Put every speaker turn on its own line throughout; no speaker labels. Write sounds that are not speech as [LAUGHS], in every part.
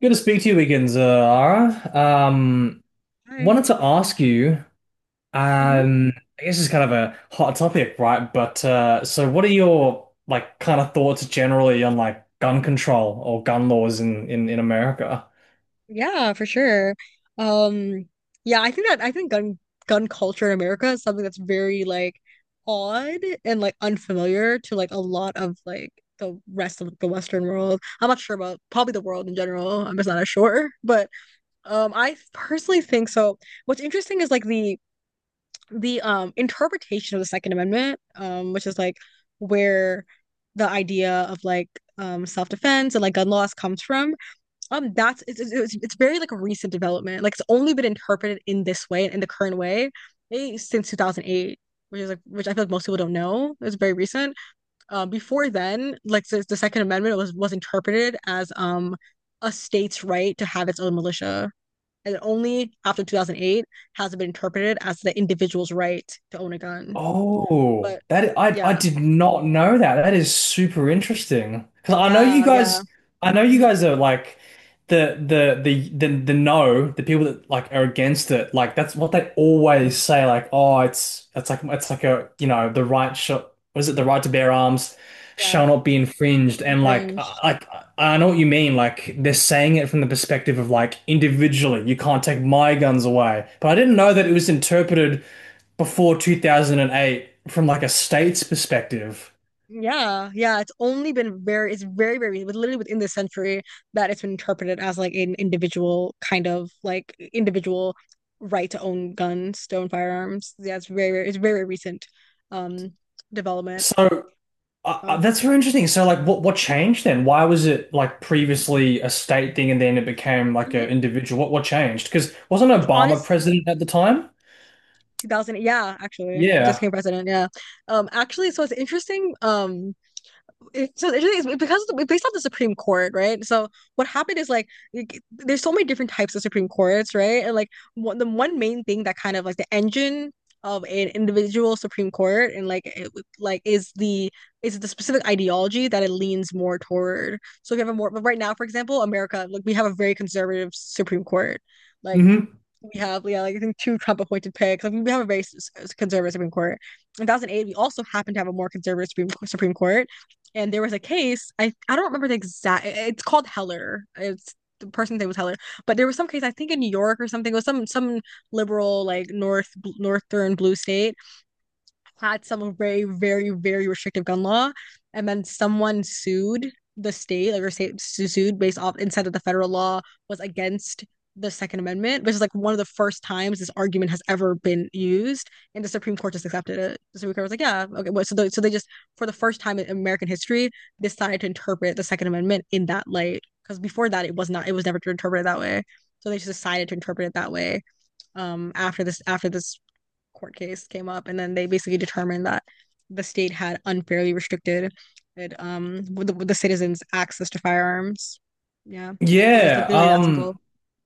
Good to speak to you again, Zara.
Hi.
Wanted to ask you,
Hmm.
um, I guess it's kind of a hot topic, right? But so what are your like kind of thoughts generally on like gun control or gun laws in America?
Yeah, for sure. Um, yeah, I think gun culture in America is something that's very like odd and like unfamiliar to like a lot of like the rest of the Western world. I'm not sure about probably the world in general. I'm just not as sure. But I personally think so. What's interesting is like the interpretation of the Second Amendment, which is like where the idea of like self-defense and like gun laws comes from. That's it's very like a recent development, like it's only been interpreted in this way and in the current way since 2008, which is like which I feel like most people don't know. It's very recent. Before then, like the Second Amendment was interpreted as a state's right to have its own militia, and only after 2008 has it been interpreted as the individual's right to own a gun.
Oh,
But
that I
yeah.
did not know that. That is super interesting. Because I know you
Yeah, yeah.
guys, I know you
Hmm.
guys are like the no, the people that like are against it. Like that's what they always say. Like, oh, it's like a you know the right shall, was it the right to bear arms
Yeah.
shall not be infringed. And like I,
Infringed.
like, I I know what you mean. Like they're saying it from the perspective of like individually, you can't take my guns away. But I didn't know that it was interpreted before 2008 from like a state's perspective.
Yeah, yeah, it's very, very, with literally within this century that it's been interpreted as like an individual kind of like individual right to own guns, to own firearms. Yeah, it's very, very, it's very recent um development.
So
So.
that's very interesting. So like what changed then? Why was it like previously a state thing and then it became like
Mhm.
an individual? What changed? Because wasn't
it's
Obama
honest
president at the time?
2000. Yeah, actually, just
Yeah.
came president. Yeah, actually, so it's interesting. So the interesting because it's based off the Supreme Court, right? So what happened is like there's so many different types of Supreme Courts, right? And like one, the one main thing that kind of like the engine of an individual Supreme Court and like it, like is the specific ideology that it leans more toward. So if you have a more but right now, for example, America, like we have a very conservative Supreme Court. Like
Hmm.
we have, yeah, like I think two Trump appointed picks. Like we have a very conservative Supreme Court. In 2008, we also happened to have a more conservative Supreme Court. And there was a case, I don't remember the exact, it's called Heller. It's the person's name was Heller. But there was some case, I think in New York or something, it was some liberal, like northern blue state, had some very, very, very restrictive gun law, and then someone sued the state, like or state sued based off and said that the federal law was against the Second Amendment, which is like one of the first times this argument has ever been used, and the Supreme Court just accepted it. The Supreme Court was like, "Yeah, okay." Well, so they just, for the first time in American history, decided to interpret the Second Amendment in that light, because before that, it was not, it was never interpreted that way. So they just decided to interpret it that way. After this court case came up, and then they basically determined that the state had unfairly restricted it, with the citizens' access to firearms. Yeah, it was like
Yeah.
literally that simple.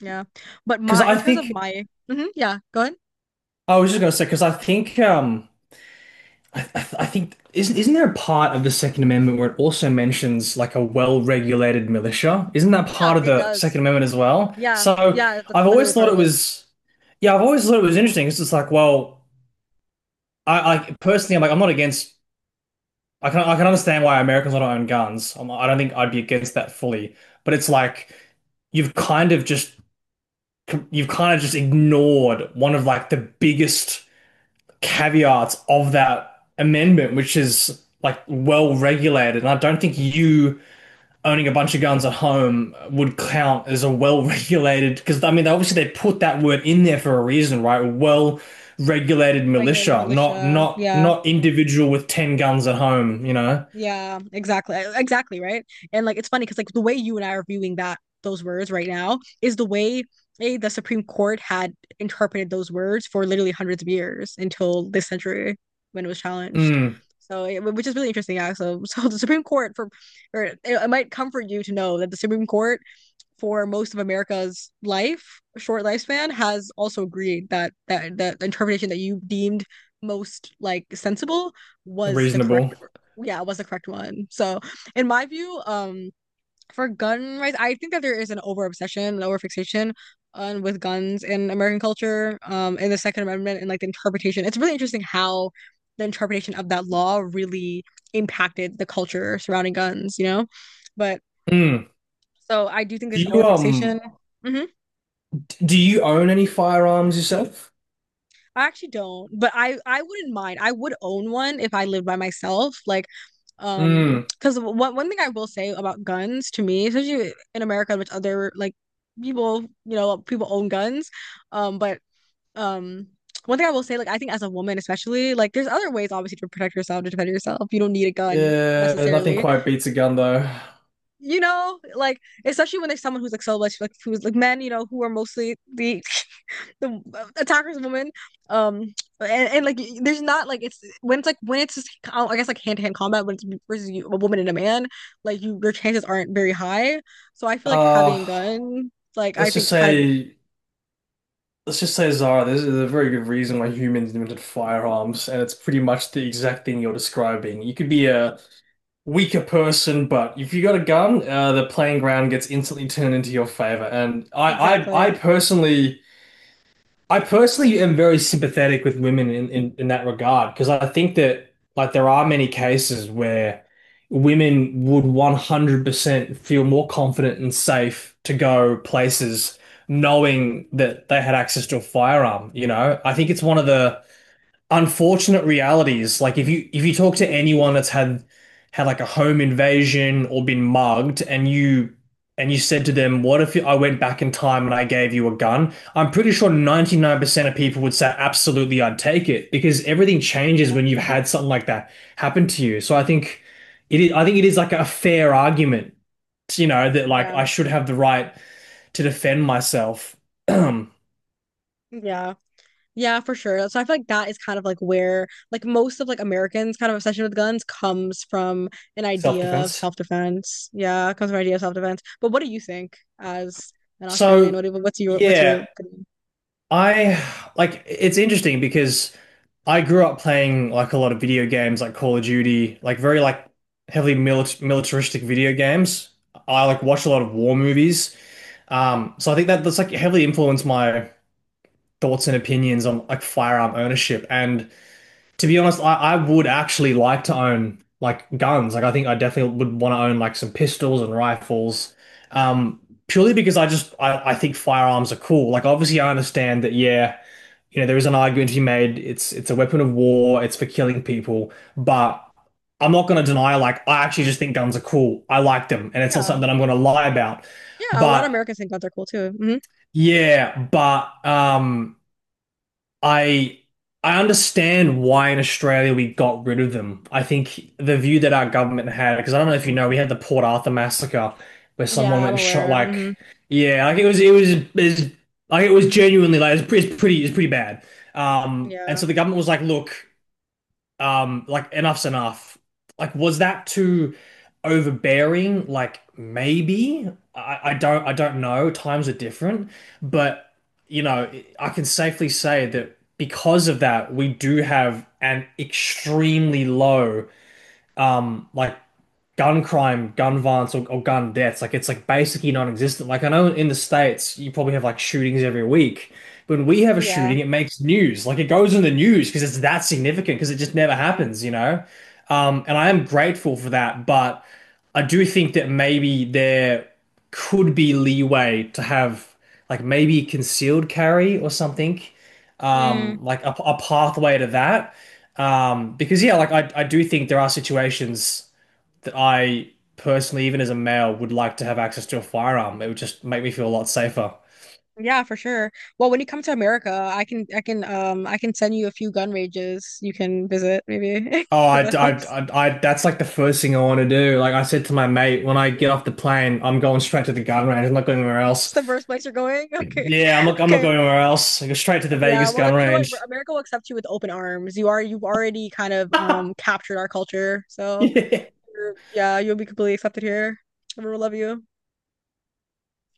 Yeah, but
Because
my
I
in terms of
think
my. Mhm, yeah, go ahead.
I was just gonna say because I think I think isn't there a part of the Second Amendment where it also mentions like a well-regulated militia? Isn't that
Yeah,
part of
it
the Second
does.
Amendment as well?
Yeah,
So
yeah, that's
I've
literally
always
part
thought
of
it
it.
was, yeah, I've always thought it was interesting. It's just like, well, I personally, I'm like, I'm not against, I can, I can understand why Americans don't own guns. I don't think I'd be against that fully, but it's like you've kind of just, you've kind of just ignored one of like the biggest caveats of that amendment, which is like well regulated. And I don't think you owning a bunch of guns at home would count as a well regulated, because I mean obviously they put that word in there for a reason, right? Well regulated
Regulated
militia, not
militia.
not
Yeah.
not individual with ten guns at home, you know?
Yeah, exactly. Exactly, right? And like it's funny because like the way you and I are viewing that those words right now is the way the Supreme Court had interpreted those words for literally hundreds of years until this century when it was challenged.
Mm,
So, which is really interesting, yeah. [LAUGHS] So the Supreme Court for, or it might comfort you to know that the Supreme Court for most of America's life, short lifespan, has also agreed that that the interpretation that you deemed most like sensible was the correct,
reasonable.
yeah, was the correct one. So in my view, for gun rights, I think that there is an over obsession, an over fixation on with guns in American culture, in the Second Amendment and like the interpretation. It's really interesting how the interpretation of that law really impacted the culture surrounding guns, you know? But
Mm.
so I do think
Do
there's an
you um
overfixation. Hmm.
do you own any firearms yourself?
I actually don't, but I wouldn't mind. I would own one if I lived by myself. Like, um,
Mm.
because one thing I will say about guns to me, especially in America, which other like people you know people own guns, but um. One thing I will say, like I think as a woman especially, like there's other ways obviously to protect yourself, to defend yourself. You don't need a gun
Yeah, nothing
necessarily.
quite beats a gun though.
Like especially when there's someone who's like so much like who's like men, you know, who are mostly the attacker's woman. Um, and like there's not like it's when it's like when it's just, I guess like hand to hand combat when it's versus you, a woman and a man, like you your chances aren't very high. So I feel like
Uh
having a gun, like I
let's just
think kind of
say, let's just say, Zara, there's a very good reason why humans invented firearms, and it's pretty much the exact thing you're describing. You could be a weaker person, but if you got a gun, the playing ground gets instantly turned into your favor. And I
exactly.
personally. I personally am very sympathetic with women in that regard because I think that like there are many cases where women would 100% feel more confident and safe to go places knowing that they had access to a firearm, you know? I think
Mm.
it's one of the unfortunate realities. Like if you, if you talk to anyone that's had like a home invasion or been mugged, and you said to them, what if I went back in time and I gave you a gun? I'm pretty sure 99% of people would say absolutely I'd take it, because everything changes when you've had something like that happen to you. So I think it is, I think it is like a fair argument, you know, that like
Yeah.
I should have the right to defend myself.
Yeah. Yeah, for sure. So I feel like that is kind of like where like most of like Americans kind of obsession with guns comes from an
[CLEARS THROAT]
idea of
Self-defense.
self-defense. Yeah, it comes from an idea of self-defense. But what do you think as an Australian?
So,
What do, what's
yeah,
your opinion?
I, like it's interesting because I grew up playing like a lot of video games like Call of Duty, like very like heavily milit militaristic video games. I like watch a lot of war movies. So I think that that's like heavily influenced my thoughts and opinions on like firearm ownership. And to be honest, I would actually like to own like guns. Like I think I definitely would want to own like some pistols and rifles. Um, purely because I just I think firearms are cool. Like obviously I understand that, yeah, you know, there is an argument to be made. It's a weapon of war. It's for killing people. But I'm not going to deny, like, I actually just think guns are cool. I like them, and it's not
Yeah.
something that I'm going to lie about.
Yeah, a lot of
But
Americans think guns are cool too. Hmm.
yeah, but I I understand why in Australia we got rid of them. I think the view that our government had, because I don't know if you know, we had the Port Arthur massacre where someone
Yeah,
went
I'm
and shot
aware.
like,
Hmm.
yeah, like it was, like it was genuinely like it pretty it's pretty, it's pretty bad. And
Yeah.
so the government was like, look, like enough's enough. Like was that too overbearing? Like maybe, I don't, I don't know, times are different, but, you know, I can safely say that because of that we do have an extremely low like gun crime, gun violence, or gun deaths. Like it's like basically non-existent. Like I know in the States you probably have like shootings every week. When we have a
Yeah.
shooting, it makes news. Like it goes in the news because it's that significant because it just never
Yeah.
happens, you know? And I am grateful for that, but I do think that maybe there could be leeway to have like maybe concealed carry or something,
Mm.
like a pathway to that. Because yeah, like I do think there are situations that I personally, even as a male, would like to have access to a firearm. It would just make me feel a lot safer.
Yeah, for sure. Well, when you come to America, I can send you a few gun ranges you can visit maybe [LAUGHS]
Oh,
if it helps.
that's like the first thing I want to do. Like I said to my mate, when I get off the plane, I'm going straight to the gun range. I'm not going anywhere
It's
else.
the first place you're going. Okay.
Yeah,
[LAUGHS]
I'm not
Okay.
going anywhere else. I go straight to the
Okay, yeah.
Vegas
Well
gun
then you know what?
range.
America will accept you with open arms. You are you've already kind of
[LAUGHS]
captured our culture. So
Yeah.
you're, yeah, you'll be completely accepted here. Everyone will love you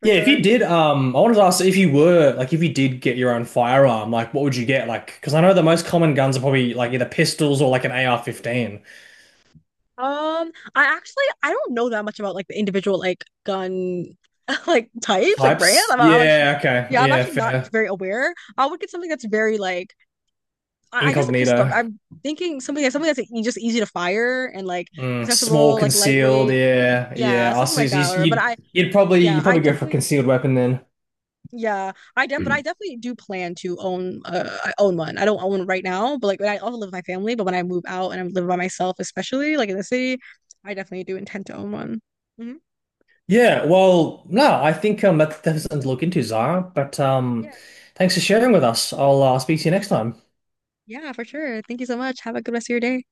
for
Yeah, if you
sure.
did, I wanted to ask if you were, like, if you did get your own firearm, like, what would you get? Like, because I know the most common guns are probably, like, either pistols or, like, an AR-15
I actually I don't know that much about like the individual like gun [LAUGHS] like types like brands.
types.
I'm like,
Yeah, okay.
yeah, I'm
Yeah,
actually not
fair.
very aware. I would get something that's very like I guess a pistol.
Incognito.
I'm thinking something that's just easy to fire and like
Mm, small
accessible, like
concealed.
lightweight.
Yeah,
Yeah,
yeah. I
something
see.
like that. Or but
you'd
I, yeah,
you'd
I
probably go for a
definitely,
concealed weapon then.
yeah, I def but I definitely do plan to own. I own one. I don't own one right now, but like I also live with my family, but when I move out and I'm living by myself, especially like in the city, I definitely do intend to own one. Hmm.
Yeah. Well, no, I think that, that's something to look into, Zara. But
Yeah.
thanks for sharing with us. I'll speak to you next time.
Yeah, for sure. Thank you so much. Have a good rest of your day.